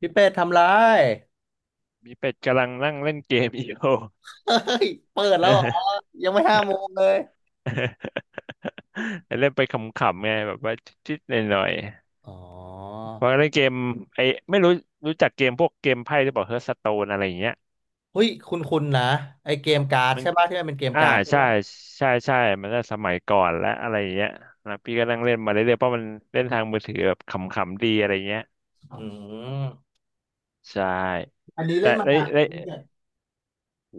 พี่เป็ดทำไรมีเป็ดกำลังนั่งเล่นเกมอยู่ เฮ้ยเปิดแล้วเหรอยังไม่5 โมงเลย เล่นไปขำๆไงแบบว่าชิดๆหน่อยอ๋อๆเพราะเล่นเกมไอ้ไม่รู้รู้จักเกมพวกเกมไพ่หรือเปล่าเฮ r ร์ t สโตนอะไรอย่างเงี้ยเฮ้ยคุณคุณนะไอเกมการ์ดมันใช่ป่ะที่มันเป็นเกมอ่าการ์ดใช่ใช่ป่ะใช่มันก็สมัยก่อนและอะไรอย่างเงี้ยนะพี่ก็นั่งเล่นมาเรื่อยๆเพราะมันเล่นทางมือถือแบบขำๆดีอะไรเงี้ยอืมใช่อันนี้แต่เล่นมาได้นานได้แล้วพี่เป็ดโอ้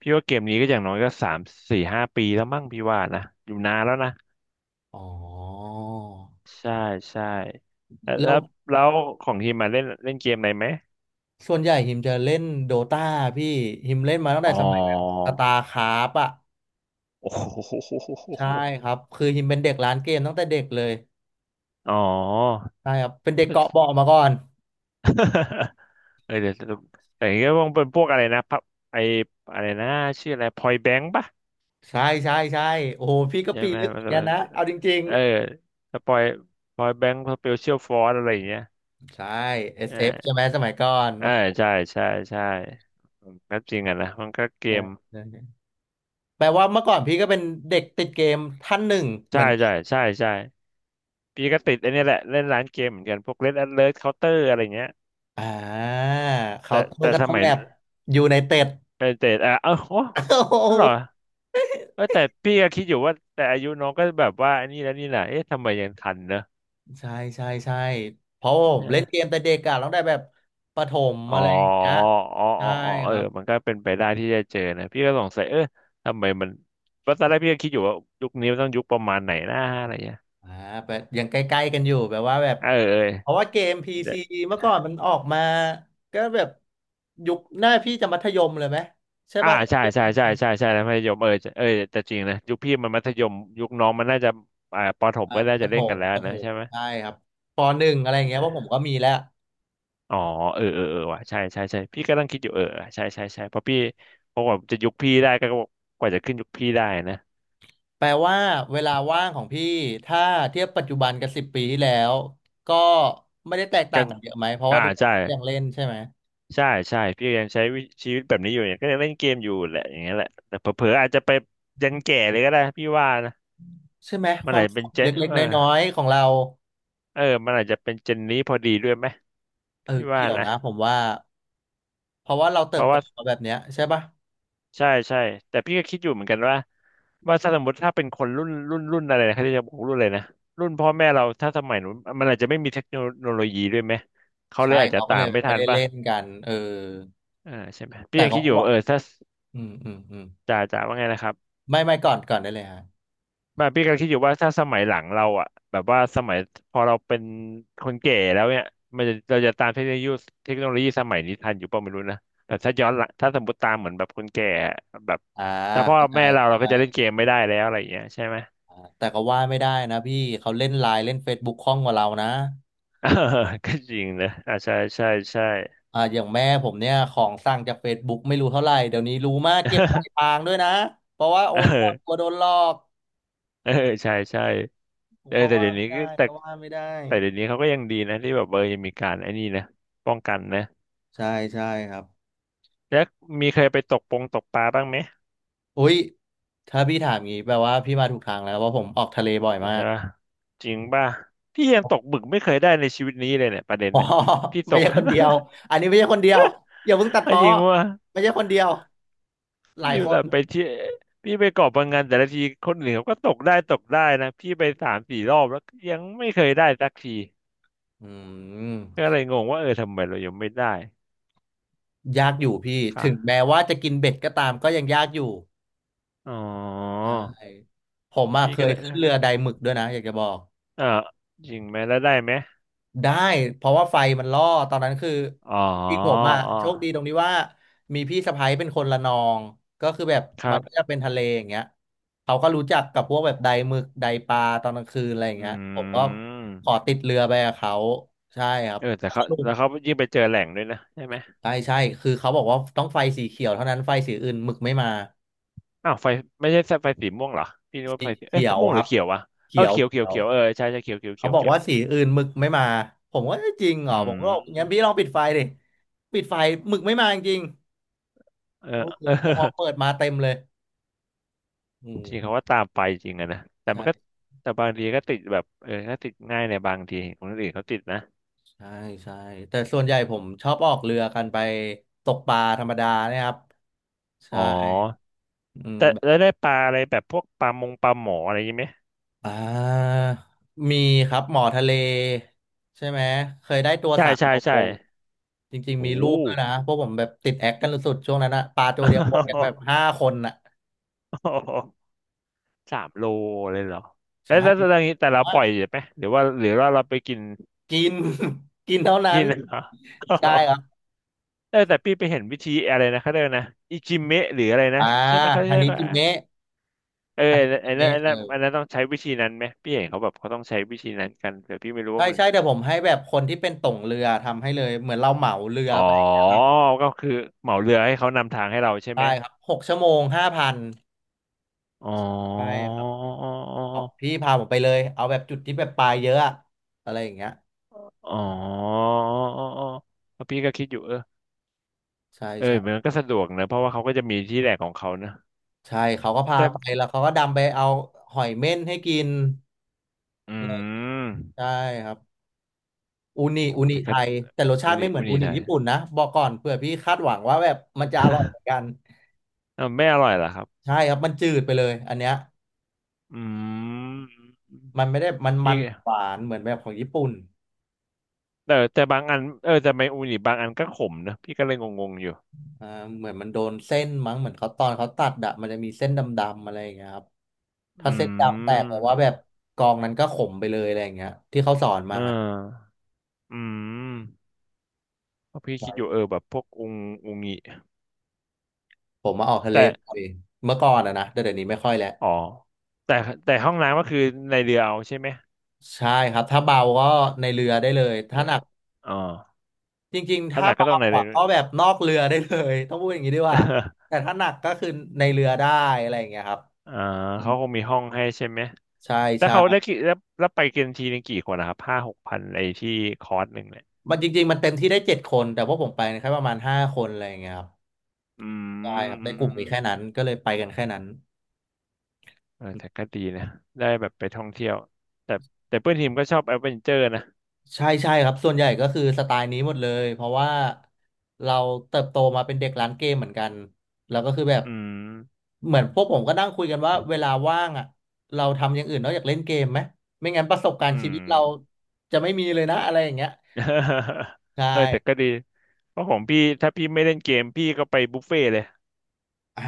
พี่ว่าเกมนี้ก็อย่างน้อยก็สามสี่ห้าปีแล้วมั้งพี่ว่านะอยู่นานแล้วนะ อ๋อใช่ใช่แล้วแล้แล้ววแล้วของทีมมาเล่นเล่นเกมอะไรไหมส่วนใหญ่ฮิมจะเล่นโดตาพี่ฮิมเล่นมาตั้งอ๋อแต่สมัยแบบสตาร์คราฟอ่ะโอ้โหใช่ครับคือฮิมเป็นเด็กร้านเกมตั้งแต่เด็กเลยอ๋อ ใช่ครับเป็นเด็กเกาะเบาะมาก่อน เออเดี๋ยวแต่อย่างเงี้ยต้องเป็นพวกอะไรนะพับไออะไรนะชื่ออะไรพอยแบงค์ปะใช่ใช่ใช่โอ้โหพี่ก็ใช่ปีนไหมลึกเหมันมือนจะกันมันนะเอาจริง เออถ้าพอยพอยแบงค์อเปเชียลฟอร์อะไรอย่างเงี้ยใช่ เอ SF ใช่อไหมสมัยก่อนเอโอ้อโหใช่ใช่ใช่ก็จริงอ่ะนะมันก็เกใช่มใช่แปลว่าเมื่อก่อนพี่ก็เป็นเด็กติดเกมท่านหนึ่งเหใช่มือนกันใช่ใช่ใช่ พี่ก็ติดไอันนี้ยแหละเล่นร้านเกมเหมือนกันพวก Red Alert Counter อะไรเงี้ยอ่าเขาแต่เมื่แต่อก็สต้องมัยแบบอยู่ ในเต็ดเออแต่อ่ะเออโอ้โอ้โหนั่นเหรอเออแต่พี่ก็คิดอยู่ว่าแต่อายุน้องก็แบบว่าอันนี้แล้วนี่แหละเอ๊ะทำไมยังทันเนอะใช่ใช่ใช่เพราะผมเนี่ยเล่นเกมแต่เด็กอะต้องได้แบบประถมอ๋ออะไรอย่างเงี้ยอ๋ออ๋ใช่ออ๋อเอคอรับมันก็เป็นไปได้ที่จะเจอนะพี่ก็สงสัยเออทำไมมันเพราะตอนแรกพี่ก็คิดอยู่ว่ายุคนี้มันต้องยุคประมาณไหนนะอะไรเงี้ยอ่าแบบยังใกล้ๆกันอยู่แบบว่าแบบเออเอเพราะว่าเกม PC เมื่อก่อ อนมันออกมาก็แบบยุคหน้าพี่จะมัธยมเลยไหมใช่อ่าป่ะถ้าใช่เทียบกัใช่นจใช่ริง ใช่ใช่แล้วมัธยมเออเออแต่จริงนะยุคพี่มันมัธยมยุคน้องมันน่าจะอ่าปฐมอ่ะก็น่าปจะระถเล่นกัมนแล้วประถนะมใช่ไหมใช่ครับปหนึ่งอะไรอใช่ย่างเงี้ไหยมว่าะผมก็มีแล้วอ๋อเออว่ะใช่ใช่พี่ก็นั่งคิดอยู่เออใช่ใช่เพราะพี่เพราะว่าจะยุคพี่ได้ก็กว่าจะขึ้นยุคพี่ได้นะแปลว่าเวลาว่างของพี่ถ้าเทียบปัจจุบันกับ10 ปีที่แล้วก็ไม่ได้แตกต่ากังนกันเยอะไหมเพราะว่าอ่าทุกคนใช่ยังเล่นใช่ไหมใช่ใช่พี่ยังใช้วิชีวิตแบบนี้อยู่เนี่ยก็ยังเล่นเกมอยู่แหละอย่างเงี้ยแหละแต่เผลอๆอาจจะไปยันแก่เลยก็ได้พี่ว่านะใช่ไหมคมันวาอามจจะสุเป็นขเจนเล็กเอๆอน้อยๆของเราเออมันอาจจะเป็นเจนนี้พอดีด้วยไหมเออพี่ว่าเกี่ยวนะนะผมว่าเพราะว่าเราเติเพบราะโตว่า มาแบบเนี้ยใช่ปะใช่ใช่แต่พี่ก็คิดอยู่เหมือนกันว่าถ้าสมมติถ้าเป็นคนรุ่นอะไรนะเขาจะบอกรุ่นอะไรนะรุ่นพ่อแม่เราถ้าสมัยนู้นมันอาจจะไม่มีเทคโนโลยีด้วยไหมเขาเลใช่ยอาจจะเขาก็ตาเลมยแบไม่บไม่ทันได้ป่ะเล่นกันเอออ่าใช่ไหมพี่แต่ยังก็คิดอยู่ว่าเออถ้าอืมอืมอืมจ่าว่าไงนะครับไม่ไม่ก่อนก่อนได้เลยฮะมาพี่ก็คิดอยู่ว่าถ้าสมัยหลังเราอ่ะแบบว่าสมัยพอเราเป็นคนแก่แล้วเนี่ยมันจะเราจะตามเทคโนโลยีเทคโนโลยีสมัยนี้ทันอยู่ป่ะไม่รู้นะแต่ถ้าย้อนหลังถ้าสมมติตามเหมือนแบบคนแก่แบบอ่าถ้าพ่อเข้าใแม่เราเราก็จะเล่จ นเกมไม่ได้แล้วอะไรอย่างเงี้ยใช่ไหม แต่ก็ว่าไม่ได้นะพี่เขาเล่นไลน์เล่น Facebook คล่องกว่าเรานะเออ ก็จริงนะอ่าใช่ใช่ อ่าอย่างแม่ผมเนี่ยของสั่งจาก Facebook ไม่รู้เท่าไหร่เดี๋ยวนี้รู้มากเก็บปลายทางด้วยนะเพราะว่าโอ นก็กลัเอวอโดนหลอกเออใช่ใช่เออเขาแต่ว่าเดี๋ยวนี้ไม่ก็ได้แต่เขาว่าไม่ได้แต่เดี๋ยวนี้เขาก็ยังดีนะที่แบบเออยังมีการไอ้นี่นะป้องกันนะใช่ใช่ครับแล้วมีเคยไปตกปงตกปลาบ้างไหมอุ้ยถ้าพี่ถามงี้แปลว่าพี่มาถูกทางแล้วว่าะผมออกทะเลบ่อยใช่มาก ปะจริงป่ะพี่ยังตกบึกไม่เคยได้ในชีวิตนี้เลยเนี่ยประเด็น อ๋อเนี่ยพี่ตไม่ก ใช่ คนเดียวอันนี้ไม่ใช่คนเดียวอย่าเพิ่งตัดเอาพ้อจริงว่าไม่ใช่คนเดียวหลาพี่ยอคยู่แบนบไปเที่ยวพี่ไปเกาะพะงันแต่ละทีคนอื่นเขาก็ตกได้ตกได้นะพี่ไปสามสี่รอบแล้วก็ยังไม่เคยได้สักทีอืก็ม เลยงงว่าเออทำไมเรายังไม่ได้ ยากอยู่พี่ถึงค่ะแม้ว่าจะกินเบ็ดก็ตามก็ยังยากอยู่อ๋อใช่ผมอะพี่เคก็ยเลยเออขึ้นเรือไดหมึกด้วยนะอยากจะบอกเอ่อจริงไหมแล้วได้ไหมได้เพราะว่าไฟมันล่อตอนนั้นคืออ๋อจริงๆผมอ่ะอ๋อโชคดีตรงที่ว่ามีพี่สะใภ้เป็นคนละนองก็คือแบบครัมันบก็จะเป็นทะเลอย่างเงี้ยเขาก็รู้จักกับพวกแบบไดหมึกไดปลาตอนกลางคืนอะไรอย่างเงี้ยผมอืก็ขอมติดเรือไปกับเขาใช่ครับเออแต่สเขานุกแล้วเขายิ่งไปเจอแหล่งด้วยนะใช่ไหมใช่ใช่คือเขาบอกว่าต้องไฟสีเขียวเท่านั้นไฟสีอื่นหมึกไม่มา อ้าวไฟไม่ใช่ไฟสีม่วงเหรอพี่นึกว่าสีไฟสีเขีเอ๊ะยวม่วงคหรืรัอบเขียววะเอเขีอยว เขียว เขีเขียยววเขียวเออใช่ใช่เขียวเขียวเขีเขายวบอกเขียวว่าสีอื่นหมึกไม่มาผมว่าเอะจริงเหรออืผมก็มบอกงั้นพี่ลองปิดไฟดิปิดไฟหมึกไม่มาจริงเออๆโอ้โหเออ แต่พอ เปิดมาเต็มเลยอืจริงมเขาว่าตามไปจริงอะนะแต่มันก็ใช่แต่บางทีก็ติดแบบเออก็ติดง่ายในบางทีคนอื่นเขาติดนะใช่ใช่แต่ส่วนใหญ่ผมชอบออกเรือกันไปตกปลาธรรมดาเนี่ยครับอ๋อใช่อืแต่ม แล้วได้ปลาอะไรแบบพวกปลามงปลาหมออะไรอยังไหม อ่ามีครับหมอทะเลใช่ไหมเคยได้ตัวใช่สามใช่โลใช่จริงๆมีโอ้รูปด้วยนะพวกผมแบบติดแอคกันสุดๆช่วงนั้นอะปลาตัมวเดียวหมดกันแบบัห้าคนอะสา มโลเลยเหรอแล้ใช่วแล้วแล้วอย่างนี้แต่เราอ่ะปล่อยไหมหรือว่าเราไปกินกิน กินเท่านั้กินนเหรอ ใช่ครับ เออแต่พี่ไปเห็นวิธีอะไรนะเขาเรียกนะอิจิเมะหรืออะไรนะอ่าใช่ไหมเขาฮาใช่นิปะจิเมะเออฮานิจิไอ้นั่นเมะไอ้เอนั่นอไอันนั้นต้องใช้วิธีนั้นไหมพี่เห็นเขาแบบเขาต้องใช้วิธีนั้นกันแต่พี่ไม่รู้ใช่ว่ามันใช่แต่ผมให้แบบคนที่เป็นต่งเรือทำให้เลยเหมือนเราเหมาเรืออ๋อไปนะครับก็คือเหมาเรือให้เขานำทางให้เราใช่ไหมใช่ครับ6 ชั่วโมง 5,000อ๋อใช่ครัอ๋บ บอกอพี่พาผมไปเลยเอาแบบจุดที่แบบปลาเยอะอะอะไรอย่างเงี้ยอ๋อพี่ก็คิดอยู่เออ ใช่เออใช่มันก็สะดวกนะเพราะว่าเขาก็จะมีที่แหลกของเขานะใช่เขาก็พาจะไปแล้วเขาก็ดำไปเอาหอยเม่นให้กินอือะไรมใช่ครับอูนิโอ้อูนิแต่ไทก็ยแต่รสชาวันติไม่นี้เหมือวันนอูนี้นิได้ ญี่ปุ่นนะบอกก่อนเผื่อพี่คาดหวังว่าแบบมันจะอร่อยเหมือนกั นอ้าวไม่อร่อยเหรอครับใช่ครับมันจืดไปเลยอันเนี้ยอืมมันไม่ได้มันพี่มันหวานเหมือนแบบของญี่ปุ่น แต่บางอันเออแต่ไมอูนิบางอันก็ขมนะพี่ก็เลยงงๆอยู่อ่าเหมือนมันโดนเส้นมั้งเหมือนเขาตอนเขาตัดอะมันจะมีเส้นดำๆอะไรอย่างเงี้ยครับถ้าอืเส้นดำแตกแปลว่ามแบบกองนั้นก็ขมไปเลยอะไรอย่างเงี้ยที่เขาสอนเอมาออืมเพราะพี่คิดอยู่ใช่เออแบบพวกอุงอุงิผมมาออกทะเลแต่บ่อยเมื่อก่อนอะนะแต่เดี๋ยวนี้ไม่ค่อยแล้วอ๋อแต่แต่ห้องน้ำก็คือในเรือเอาใช่ไหมใช่ครับถ้าเบาก็ในเรือได้เลยเออถ้าหนักอ๋อจริงๆถ้าถ้าหนักก็เบาต้องในเรือะอ ก็แบบนอกเรือได้เลยต้องพูดอย่างนี้ดีกว่า แต่ถ้าหนักก็คือในเรือได้อะไรอย่างเงี้ยครับอ่าอืเขามคงมีห้องให้ใช่ไหม ใช่แล้วใช่เขาได้กี่แล้วแล้วไปกันทีนึงกี่คนนะครับห้าหกพันไอที่คอร์สหนึ่งเนี่ยมันจริงๆมันเต็มที่ได้7 คนแต่พวกผมไปแค่ประมาณห้าคนอะไรอย่างเงี้ยครับ อืใช่มครับอืในมกอืลุ่มมมีแค่นั้นก็เลยไปกันแค่นั้นเออแต่ก็ดีนะ ได้แบบไปท่องเที่ยว แต่แต่เพื่อนทีมก็ชอบแอดเวนเจอร์นะ ใช่ใช่ครับส่วนใหญ่ก็คือสไตล์นี้หมดเลยเพราะว่าเราเติบโตมาเป็นเด็กร้านเกมเหมือนกันแล้วก็คือแบบอืม เหมือนพวกผมก็นั่งคุยกันว่าเวลาว่างอ่ะเราทำอย่างอื่นนอกจากเล่นเกมไหมไม่งั้นประสบการอืณ์ชีวิม ตเราจะไม่มีเลยนะอะไรอย่างเงี้ย ใช่เออแต่ก็ดี เพราะของพี่ถ้าพี่ไม่เล่นเกมพี่ก็ไปบุฟเฟ่ต์เลยอ่า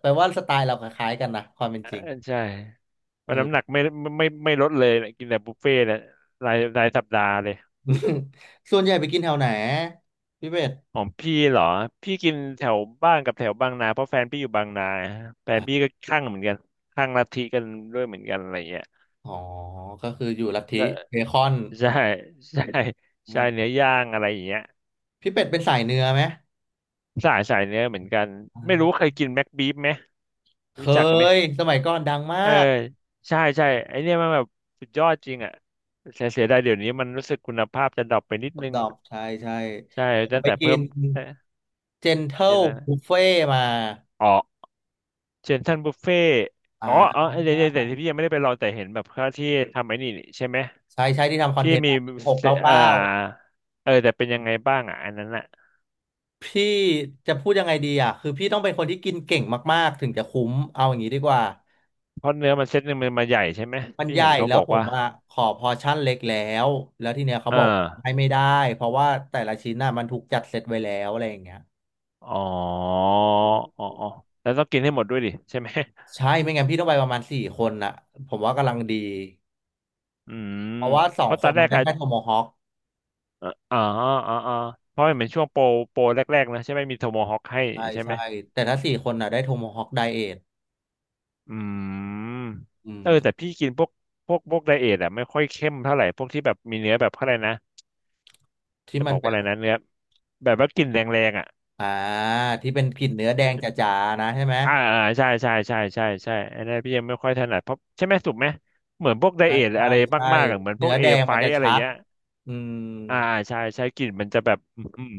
แปลว่าสไตล์เราคล้ายๆกันนะความเป็นเออจริงใช่เพเอราะอ น้ำหนักไม่ลดเลยนะกินแต่บุฟเฟ่ต์เลยรายสัปดาห์เลย ส่วนใหญ่ไปกินแถวไหนพี่เป็ดของพี่เหรอพี่กินแถวบ้านกับแถวบางนาเพราะแฟนพี่อยู่บางนาแฟนพี่ก็ข้างเหมือนกันข้างลัทธิกันด้วยเหมือนกันอะไรเงี้ยอ๋อก็คืออยู่ลัทธิแล้วเบคอน ใช่ใช่เอใช่อเนื้อย่างอะไรอย่างเงี้ยพี่เป็ดเป็นสายเนื้อไหมสายเนื้อเหมือนกันอ่ไม่รู้าเคยกินแม็กบีฟไหมเครู้จักไหมยสมัยก่อนดังมาเออกใช่ใช่ไอเนี่ยมันแบบสุดยอดจริงอ่ะเสียดายเดี๋ยวนี้มันรู้สึกคุณภาพจะดรอปไปนิดนึดงอบใช่ใช่ใช่ผตั้มงไปแต่กิเพิ่นมเอ๊ะเจนเท e เดี๋ยลวนะบุฟเฟ่มาอ๋อ เซนทรัลบุฟเฟ่อ่อ๋ออ๋าอเดี๋ยวเดี๋ยวแต่พี่ยังไม่ได้ไปลองแต่เห็นแบบเขาที่ทำไอ้นี่นี่ใช่ไหมใช่ใช่ที่ทำคอนที่เทนต์มีหกเก้าเอ่อเก้าเออแต่เป็นยังไงบ้างอ่ะอันนั้นอ่ะพี่จะพูดยังไงดีอ่ะคือพี่ต้องเป็นคนที่กินเก่งมากๆถึงจะคุ้มเอาอย่างนี้ดีกว่าเพราะเนื้อมันเซตหนึ่งมันมาใหญ่ใช่ไหมมันพี่ใหญ่เห็นเขาแล้บวอกผมว่าอ่ะขอพอร์ชั่นเล็กแล้วแล้วทีเนี้ยเขาเออบอกให้ไม่ได้เพราะว่าแต่ละชิ้นน่ะมันถูกจัดเซตไว้แล้วอะไรอย่างเงี้ย อ๋ออ๋ออ๋อแล้วต้องกินให้หมดด้วยดิใช่ไหม ใช่ไม่งั้นพี่ต้องไปประมาณสี่คนนะผมว่ากำลังดีอืมเพราะว่าสอเพงราะคตอนนแรมันกได้อะแค่โทโมฮอคอ๋ออ๋ออ๋อเพราะมันเป็นช่วงโปรโปรแรกๆนะใช่ไหมมีโทโมฮอคให้ใช่ใช่ไหม ใช่แต่ถ้าสี่คนน่ะได้โทโมฮอคไดเอทอืมอืเออแต่มพี่กินพวกพวกไดเอทอะไม่ค่อยเข้มเท่าไหร่พวกที่แบบมีเนื้อแบบเขาอะไรนะที่จะมับนอกเป็ว่านอะไรนะเนื้อแบบว่ากลิ่นแรงๆอะอ่าที่เป็นกลิ่นเนื้อแดงใช่จ๋าๆนะใช่ไหมอ่าอ่าใช่ใช่ใช่ใช่ใช่อันนั้นพี่ยังไม่ค่อยถนัดเพราะใช่ไหมถูกไหมเหมือนพวกไดใช่เอทใช่อะไรใช่มากๆอะเหมือนพเนื้วกอเอแดงไฟมันจะอะไรชัดเงี้ยอืมอ่าอ่าใช่ใช่กลิ่นมันจะแบบอื้อหือ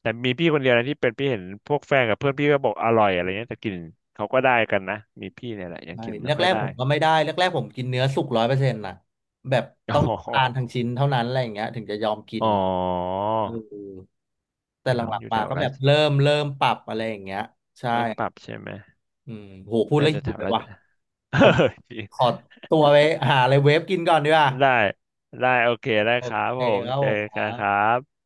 แต่มีพี่คนเดียวนะที่เป็นพี่เห็นพวกแฟนกับเพื่อนพี่ก็บอกอร่อยอะไรเงี้ยแต่กลิ่นเขาก็ได้กันนะมีพี่เนี่ยแหละยังใช่กินแรไม่ค่อยกได้ ๆผมก็ไม่ได้แรกๆผมกินเนื้อสุก100%นะแบบ อ๋ต้องทานทั้งอชิ้นเท่านั้นอะไรอย่างเงี้ยถึงจะยอมกินอ๋อ เออแต่แต่หต้องลังอยู่ๆแถมาวก็แบราบชเริ่มปรับอะไรอย่างเงี้ยใช่ เริ่มปรับใช่ไหมอืมโหพูดน่าแล้วจะหิแถววเลยราช ว่ะผม จริง ขอตัวไปหาอะไรเวฟกินก่อนดีกว่า ได้ ได้ โอเคได้โอครัเคบผมครับเจผอมครักันครับบ